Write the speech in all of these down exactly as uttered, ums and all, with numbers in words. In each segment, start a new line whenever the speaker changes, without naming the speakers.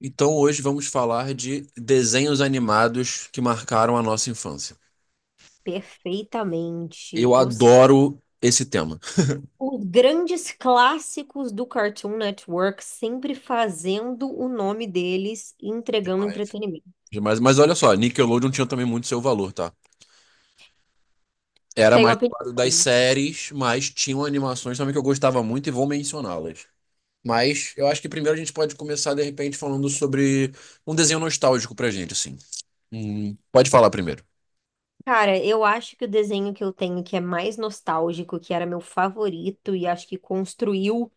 Então hoje vamos falar de desenhos animados que marcaram a nossa infância.
Perfeitamente.
Eu
Os,
adoro esse tema.
os grandes clássicos do Cartoon Network sempre fazendo o nome deles e entregando
Demais.
entretenimento.
Demais. Mas olha só, Nickelodeon tinha também muito seu valor, tá? Era
Tenho
mais do lado das
opinião.
séries, mas tinham animações também que eu gostava muito e vou mencioná-las. Mas eu acho que primeiro a gente pode começar, de repente, falando sobre um desenho nostálgico pra gente, assim. Hum, pode falar primeiro.
Cara, eu acho que o desenho que eu tenho que é mais nostálgico, que era meu favorito e acho que construiu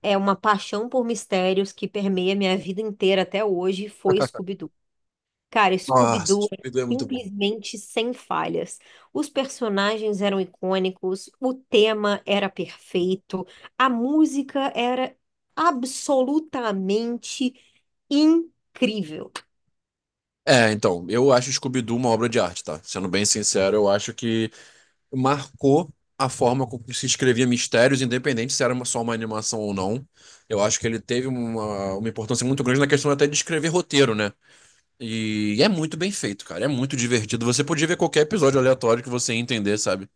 é uma paixão por mistérios que permeia minha vida inteira até hoje, foi Scooby-Doo. Cara,
Nossa,
Scooby-Doo é
Scooby-Doo é muito bom.
simplesmente sem falhas. Os personagens eram icônicos, o tema era perfeito, a música era absolutamente incrível.
É, então, eu acho Scooby-Doo uma obra de arte, tá? Sendo bem sincero, eu acho que marcou a forma como se escrevia mistérios, independente se era uma- só uma animação ou não. Eu acho que ele teve uma, uma importância muito grande na questão até de escrever roteiro, né? E é muito bem feito, cara. É muito divertido. Você podia ver qualquer episódio aleatório que você ia entender, sabe?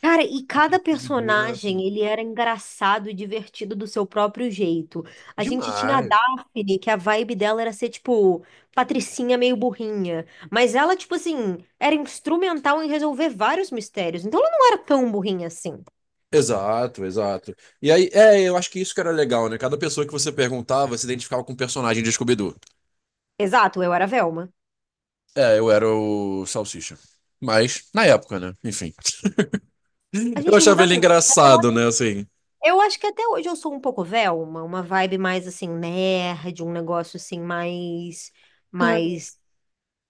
Cara, e
O
cada
Scooby-Doo é assim,
personagem, ele era engraçado e divertido do seu próprio jeito. A gente tinha a
demais.
Daphne, que a vibe dela era ser, tipo, patricinha meio burrinha. Mas ela, tipo assim, era instrumental em resolver vários mistérios. Então ela não era tão burrinha assim.
Exato, exato. E aí, é, eu acho que isso que era legal, né? Cada pessoa que você perguntava se identificava com um personagem de Scooby-Doo.
Exato, eu era Velma.
É, eu era o Salsicha. Mas, na época, né? Enfim.
A
Eu
gente
achava
muda
ele
muito. Mas Eu
engraçado,
a-
né? Assim.
eu acho que até hoje eu sou um pouco Velma, uma vibe mais assim, nerd, um negócio assim, mais, mais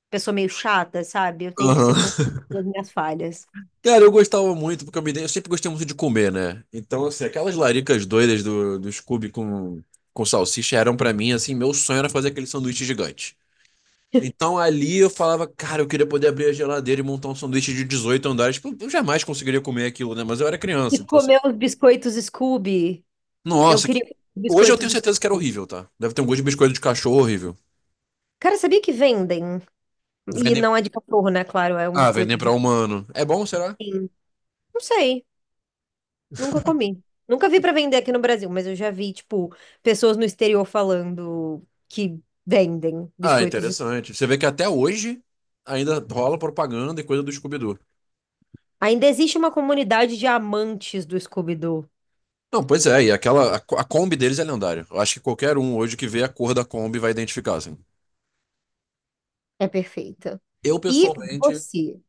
pessoa meio chata, sabe? Eu tenho que
Aham.
ser com as minhas falhas.
Cara, eu gostava muito, porque eu, me dei- eu sempre gostei muito de comer, né? Então, assim, aquelas laricas doidas do, do Scooby com, com salsicha eram pra mim, assim, meu sonho era fazer aquele sanduíche gigante. Então ali eu falava, cara, eu queria poder abrir a geladeira e montar um sanduíche de dezoito andares. Tipo, eu jamais conseguiria comer aquilo, né? Mas eu era
E
criança, então assim.
comer os biscoitos Scooby. Eu
Nossa, que-
queria os
hoje eu
biscoitos
tenho certeza que era
Scooby.
horrível, tá? Deve ter um gosto de biscoito de cachorro horrível.
Cara, sabia que vendem? E
Vendem.
não é de cachorro, né? Claro, é um
Ah, vendem
biscoito
pra
de.
humano. É bom, será?
Não sei, nunca comi. Nunca vi pra vender aqui no Brasil, mas eu já vi, tipo, pessoas no exterior falando que vendem
Ah,
biscoitos.
interessante. Você vê que até hoje ainda rola propaganda e coisa do Scooby-Doo.
Ainda existe uma comunidade de amantes do Scooby-Doo.
Não, pois é, e aquela, a, co- a Kombi deles é lendária. Eu acho que qualquer um hoje que vê a cor da Kombi vai identificar, assim.
É perfeita.
Eu,
E
pessoalmente,
você?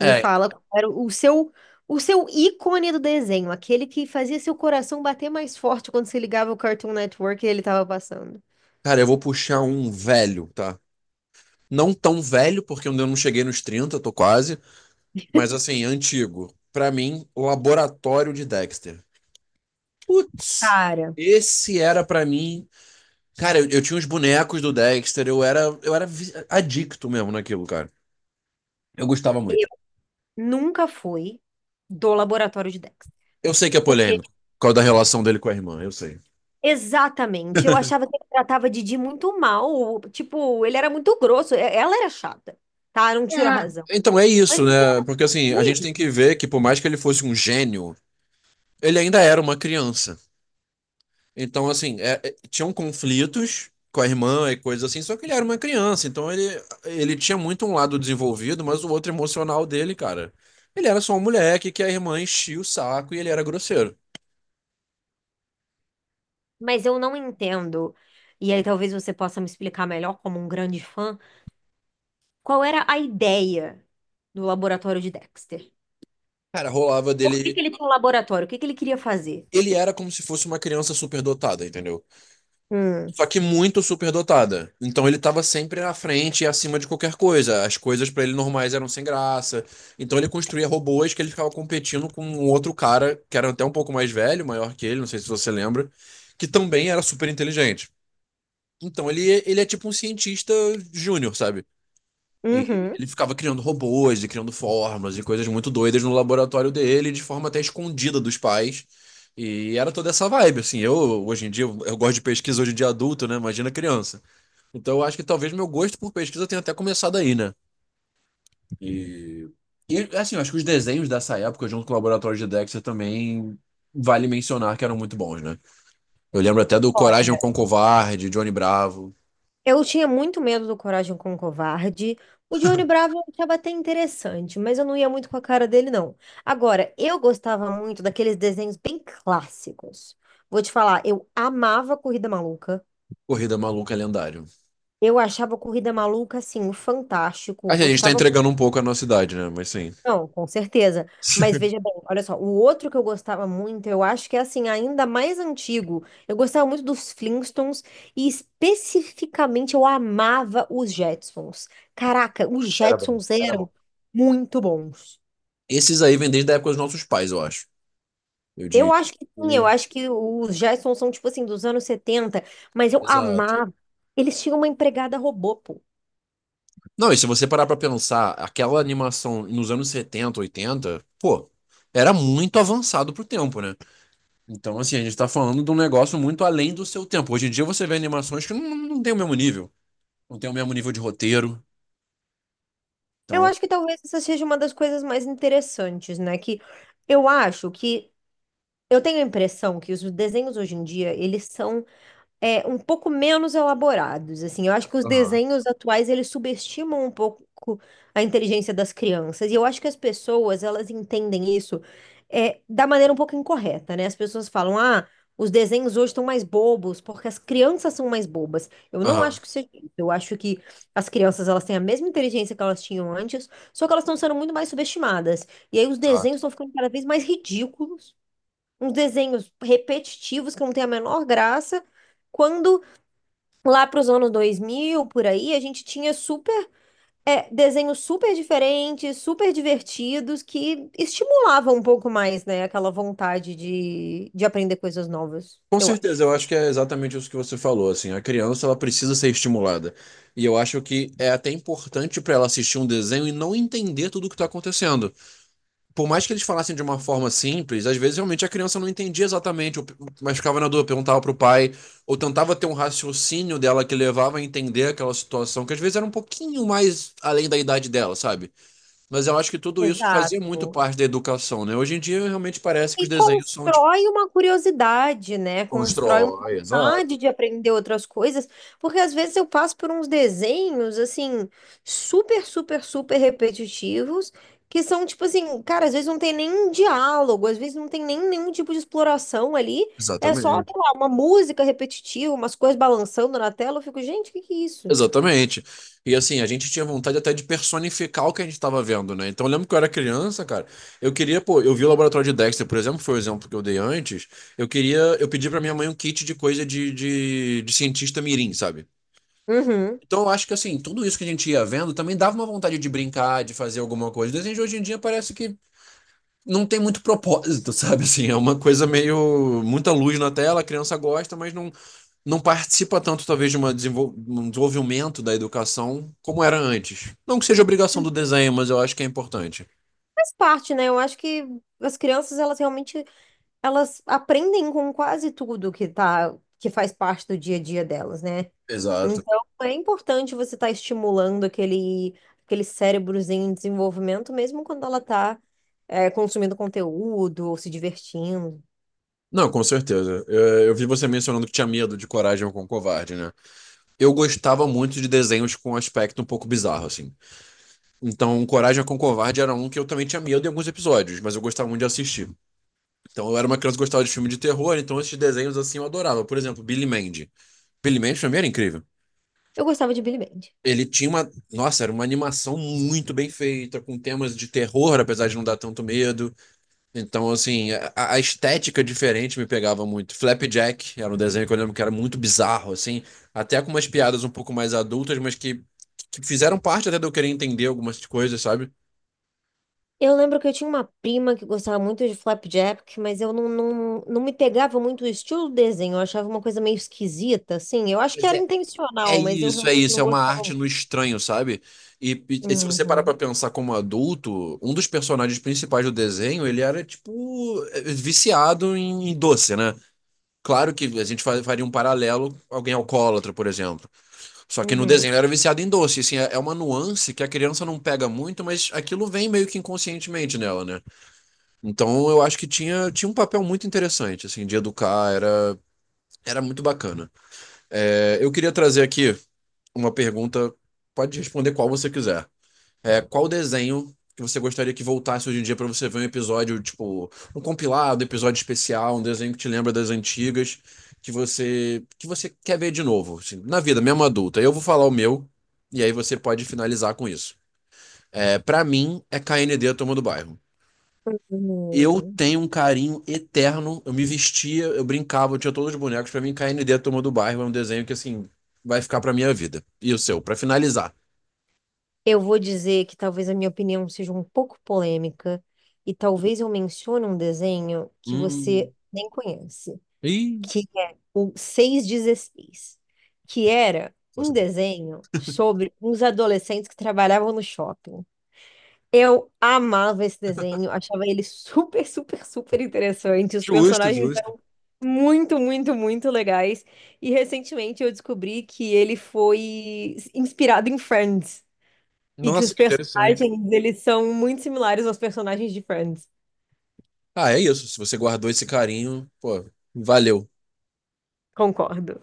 Me
é,
fala qual era o seu, o seu ícone do desenho, aquele que fazia seu coração bater mais forte quando você ligava o Cartoon Network e ele estava passando.
cara, eu vou puxar um velho, tá? Não tão velho, porque eu ainda não cheguei nos trinta, tô quase, mas assim, antigo. Pra mim, Laboratório de Dexter. Putz,
Cara,
esse era pra mim. Cara, eu, eu tinha os bonecos do Dexter, eu era, eu era vi- adicto mesmo naquilo, cara. Eu gostava muito.
nunca foi do laboratório de Dexter.
Eu sei que é
Porque,
polêmico, por causa da relação dele com a irmã, eu sei.
exatamente, eu achava que ele tratava Didi muito mal. ou, Tipo, ele era muito grosso. e- Ela era chata, tá? Não tiro a razão.
Então é
Mas
isso,
ele
né?
era
Porque assim, a gente tem
ruim.
que ver que por mais que ele fosse um gênio, ele ainda era uma criança. Então, assim, é- é- tinham conflitos com a irmã e coisas assim, só que ele era uma criança. Então ele, ele tinha muito um lado desenvolvido, mas o outro emocional dele, cara. Ele era só um moleque que a irmã enchia o saco e ele era grosseiro.
Mas eu não entendo, e aí talvez você possa me explicar melhor, como um grande fã, qual era a ideia do laboratório de Dexter?
Cara, rolava
Por que que
dele.
ele tinha um laboratório? O que que ele queria fazer?
Ele era como se fosse uma criança superdotada, entendeu?
Hum.
Só que muito superdotada. Então ele estava sempre à frente e acima de qualquer coisa. As coisas para ele normais eram sem graça. Então ele construía robôs que ele ficava competindo com um outro cara que era até um pouco mais velho, maior que ele, não sei se você lembra, que também era super inteligente. Então ele, ele é tipo um cientista júnior, sabe? E
Uhum.
ele ficava criando robôs e criando formas e coisas muito doidas no laboratório dele, de forma até escondida dos pais. E era toda essa vibe, assim. Eu, hoje em dia, eu eu gosto de pesquisa hoje em dia adulto, né? Imagina criança. Então eu acho que talvez meu gosto por pesquisa tenha até começado aí, né? E, e assim, eu acho que os desenhos dessa época, junto com o Laboratório de Dexter, também vale mencionar que eram muito bons, né? Eu lembro até do Coragem
Olha,
com Covarde, Johnny Bravo,
eu tinha muito medo do Coragem com o Covarde. O Johnny Bravo eu achava até interessante, mas eu não ia muito com a cara dele, não. Agora, eu gostava muito daqueles desenhos bem clássicos. Vou te falar, eu amava Corrida Maluca.
Corrida Maluca Lendário.
Eu achava Corrida Maluca, assim, fantástico.
Acho que a gente tá
Gostava.
entregando um pouco a nossa idade, né? Mas sim.
Não, com certeza. Mas veja bem, olha só, o outro que eu gostava muito, eu acho que é assim, ainda mais antigo. Eu gostava muito dos Flintstones e especificamente eu amava os Jetsons. Caraca, os
Era bom,
Jetsons
era
eram
bom.
muito bons.
Esses aí vêm desde a época dos nossos pais, eu acho. Eu
Eu
digo.
acho que sim, eu acho que os Jetsons são tipo assim dos anos setenta, mas eu
Exato.
amava. Eles tinham uma empregada robô, pô.
Não, e se você parar pra pensar, aquela animação nos anos setenta, oitenta, pô, era muito avançado pro tempo, né? Então, assim, a gente tá falando de um negócio muito além do seu tempo. Hoje em dia você vê animações que não, não tem o mesmo nível. Não tem o mesmo nível de roteiro.
Eu
Então.
acho que talvez essa seja uma das coisas mais interessantes, né? Que eu acho que eu tenho a impressão que os desenhos hoje em dia, eles são é, um pouco menos elaborados, assim. Eu acho que os
Aham,
desenhos atuais, eles subestimam um pouco a inteligência das crianças. E eu acho que as pessoas, elas entendem isso é, da maneira um pouco incorreta, né? As pessoas falam, ah, os desenhos hoje estão mais bobos porque as crianças são mais bobas. Eu não
aham,
acho que seja isso. Eu acho que as crianças, elas têm a mesma inteligência que elas tinham antes, só que elas estão sendo muito mais subestimadas. E aí os desenhos
exato.
estão ficando cada vez mais ridículos, uns desenhos repetitivos que não tem a menor graça. Quando lá para os anos dois mil por aí, a gente tinha super é, desenhos super diferentes, super divertidos, que estimulavam um pouco mais, né, aquela vontade de, de aprender coisas novas,
Com
eu acho.
certeza, eu acho que é exatamente isso que você falou, assim, a criança ela precisa ser estimulada. E eu acho que é até importante pra ela assistir um desenho e não entender tudo o que tá acontecendo. Por mais que eles falassem de uma forma simples, às vezes realmente a criança não entendia exatamente, ou- mas ficava na dúvida, perguntava pro pai, ou tentava ter um raciocínio dela que levava a entender aquela situação, que às vezes era um pouquinho mais além da idade dela, sabe? Mas eu acho que tudo isso fazia muito
Exato.
parte da educação, né? Hoje em dia realmente parece que os
E
desenhos são tipo.
constrói uma curiosidade, né? Constrói uma
Constrói,
vontade
exato.
de aprender outras coisas, porque às vezes eu passo por uns desenhos, assim, super, super, super repetitivos, que são tipo assim, cara, às vezes não tem nem diálogo, às vezes não tem nem nenhum tipo de exploração ali, é só,
Exatamente.
sei lá, uma música repetitiva, umas coisas balançando na tela, eu fico, gente, o que que é isso?
Exatamente. E assim, a gente tinha vontade até de personificar o que a gente estava vendo, né? Então, eu lembro que eu era criança, cara. Eu queria, pô, eu vi o laboratório de Dexter, por exemplo, foi o exemplo que eu dei antes. Eu queria, eu pedi pra minha mãe um kit de coisa de, de, de cientista mirim, sabe?
Uhum.
Então, eu acho que assim, tudo isso que a gente ia vendo também dava uma vontade de brincar, de fazer alguma coisa. O desenho de hoje em dia parece que não tem muito propósito, sabe? Assim, é uma coisa meio muita luz na tela, a criança gosta, mas não não participa tanto, talvez, de uma desenvol- um desenvolvimento da educação como era antes. Não que seja obrigação do desenho, mas eu acho que é importante.
Faz parte, né? Eu acho que as crianças, elas realmente elas aprendem com quase tudo que tá, que faz parte do dia a dia delas, né?
Exato.
Então, é importante você estar estimulando aquele, aquele cérebrozinho em desenvolvimento, mesmo quando ela tá, é, consumindo conteúdo ou se divertindo.
Não, com certeza. Eu, eu vi você mencionando que tinha medo de Coragem com o Covarde, né? Eu gostava muito de desenhos com um aspecto um pouco bizarro, assim. Então, Coragem com o Covarde era um que eu também tinha medo em alguns episódios, mas eu gostava muito de assistir. Então, eu era uma criança que gostava de filme de terror, então esses desenhos, assim, eu adorava. Por exemplo, Billy Mandy. Billy Mandy, pra mim, era incrível.
Eu gostava de Billy Band.
Ele tinha uma. Nossa, era uma animação muito bem feita, com temas de terror, apesar de não dar tanto medo. Então, assim, a, a estética diferente me pegava muito. Flapjack era um desenho que eu lembro que era muito bizarro, assim, até com umas piadas um pouco mais adultas, mas que, que fizeram parte até de eu querer entender algumas coisas, sabe?
Eu lembro que eu tinha uma prima que gostava muito de Flapjack, mas eu não, não, não me pegava muito o estilo do desenho. Eu achava uma coisa meio esquisita, assim. Eu acho que
Pois
era
é. É
intencional, mas eu
isso, é
realmente
isso, é
não
uma
gostava
arte no
muito.
estranho, sabe? E, e- e se você parar pra
Uhum,
pensar como adulto, um dos personagens principais do desenho, ele era tipo eh, viciado em, em doce, né? Claro que a gente fa- faria um paralelo, alguém alcoólatra, por exemplo. Só que no desenho
uhum.
ele era viciado em doce. Assim, é é uma nuance que a criança não pega muito, mas aquilo vem meio que inconscientemente nela, né? Então eu acho que tinha, tinha um papel muito interessante, assim, de educar, era, era muito bacana. É, eu queria trazer aqui uma pergunta, pode responder qual você quiser. É, qual desenho que você gostaria que voltasse hoje em dia para você ver um episódio, tipo, um compilado, episódio especial, um desenho que te lembra das antigas, que você que você quer ver de novo, assim, na vida, mesmo adulta. Eu vou falar o meu e aí você pode finalizar com isso. É, para mim é K N D a Turma do Bairro. Eu
Uhum.
tenho um carinho eterno, eu me vestia, eu brincava, eu tinha todos os bonecos. Para mim K N D a Turma do Bairro é um desenho que assim vai ficar para minha vida. E o seu, para finalizar.
Eu vou dizer que talvez a minha opinião seja um pouco polêmica e talvez eu mencione um desenho que você
Hum.
nem conhece,
Ih,
que é o seiscentos e Dezesseis, que era um desenho sobre uns adolescentes que trabalhavam no shopping. Eu amava esse desenho, achava ele super, super, super interessante. Os
justo,
personagens
justo.
eram muito, muito, muito legais. E recentemente eu descobri que ele foi inspirado em Friends. E que os
Nossa, que interessante.
personagens, eles são muito similares aos personagens de Friends.
Ah, é isso. Se você guardou esse carinho, pô, valeu.
Concordo.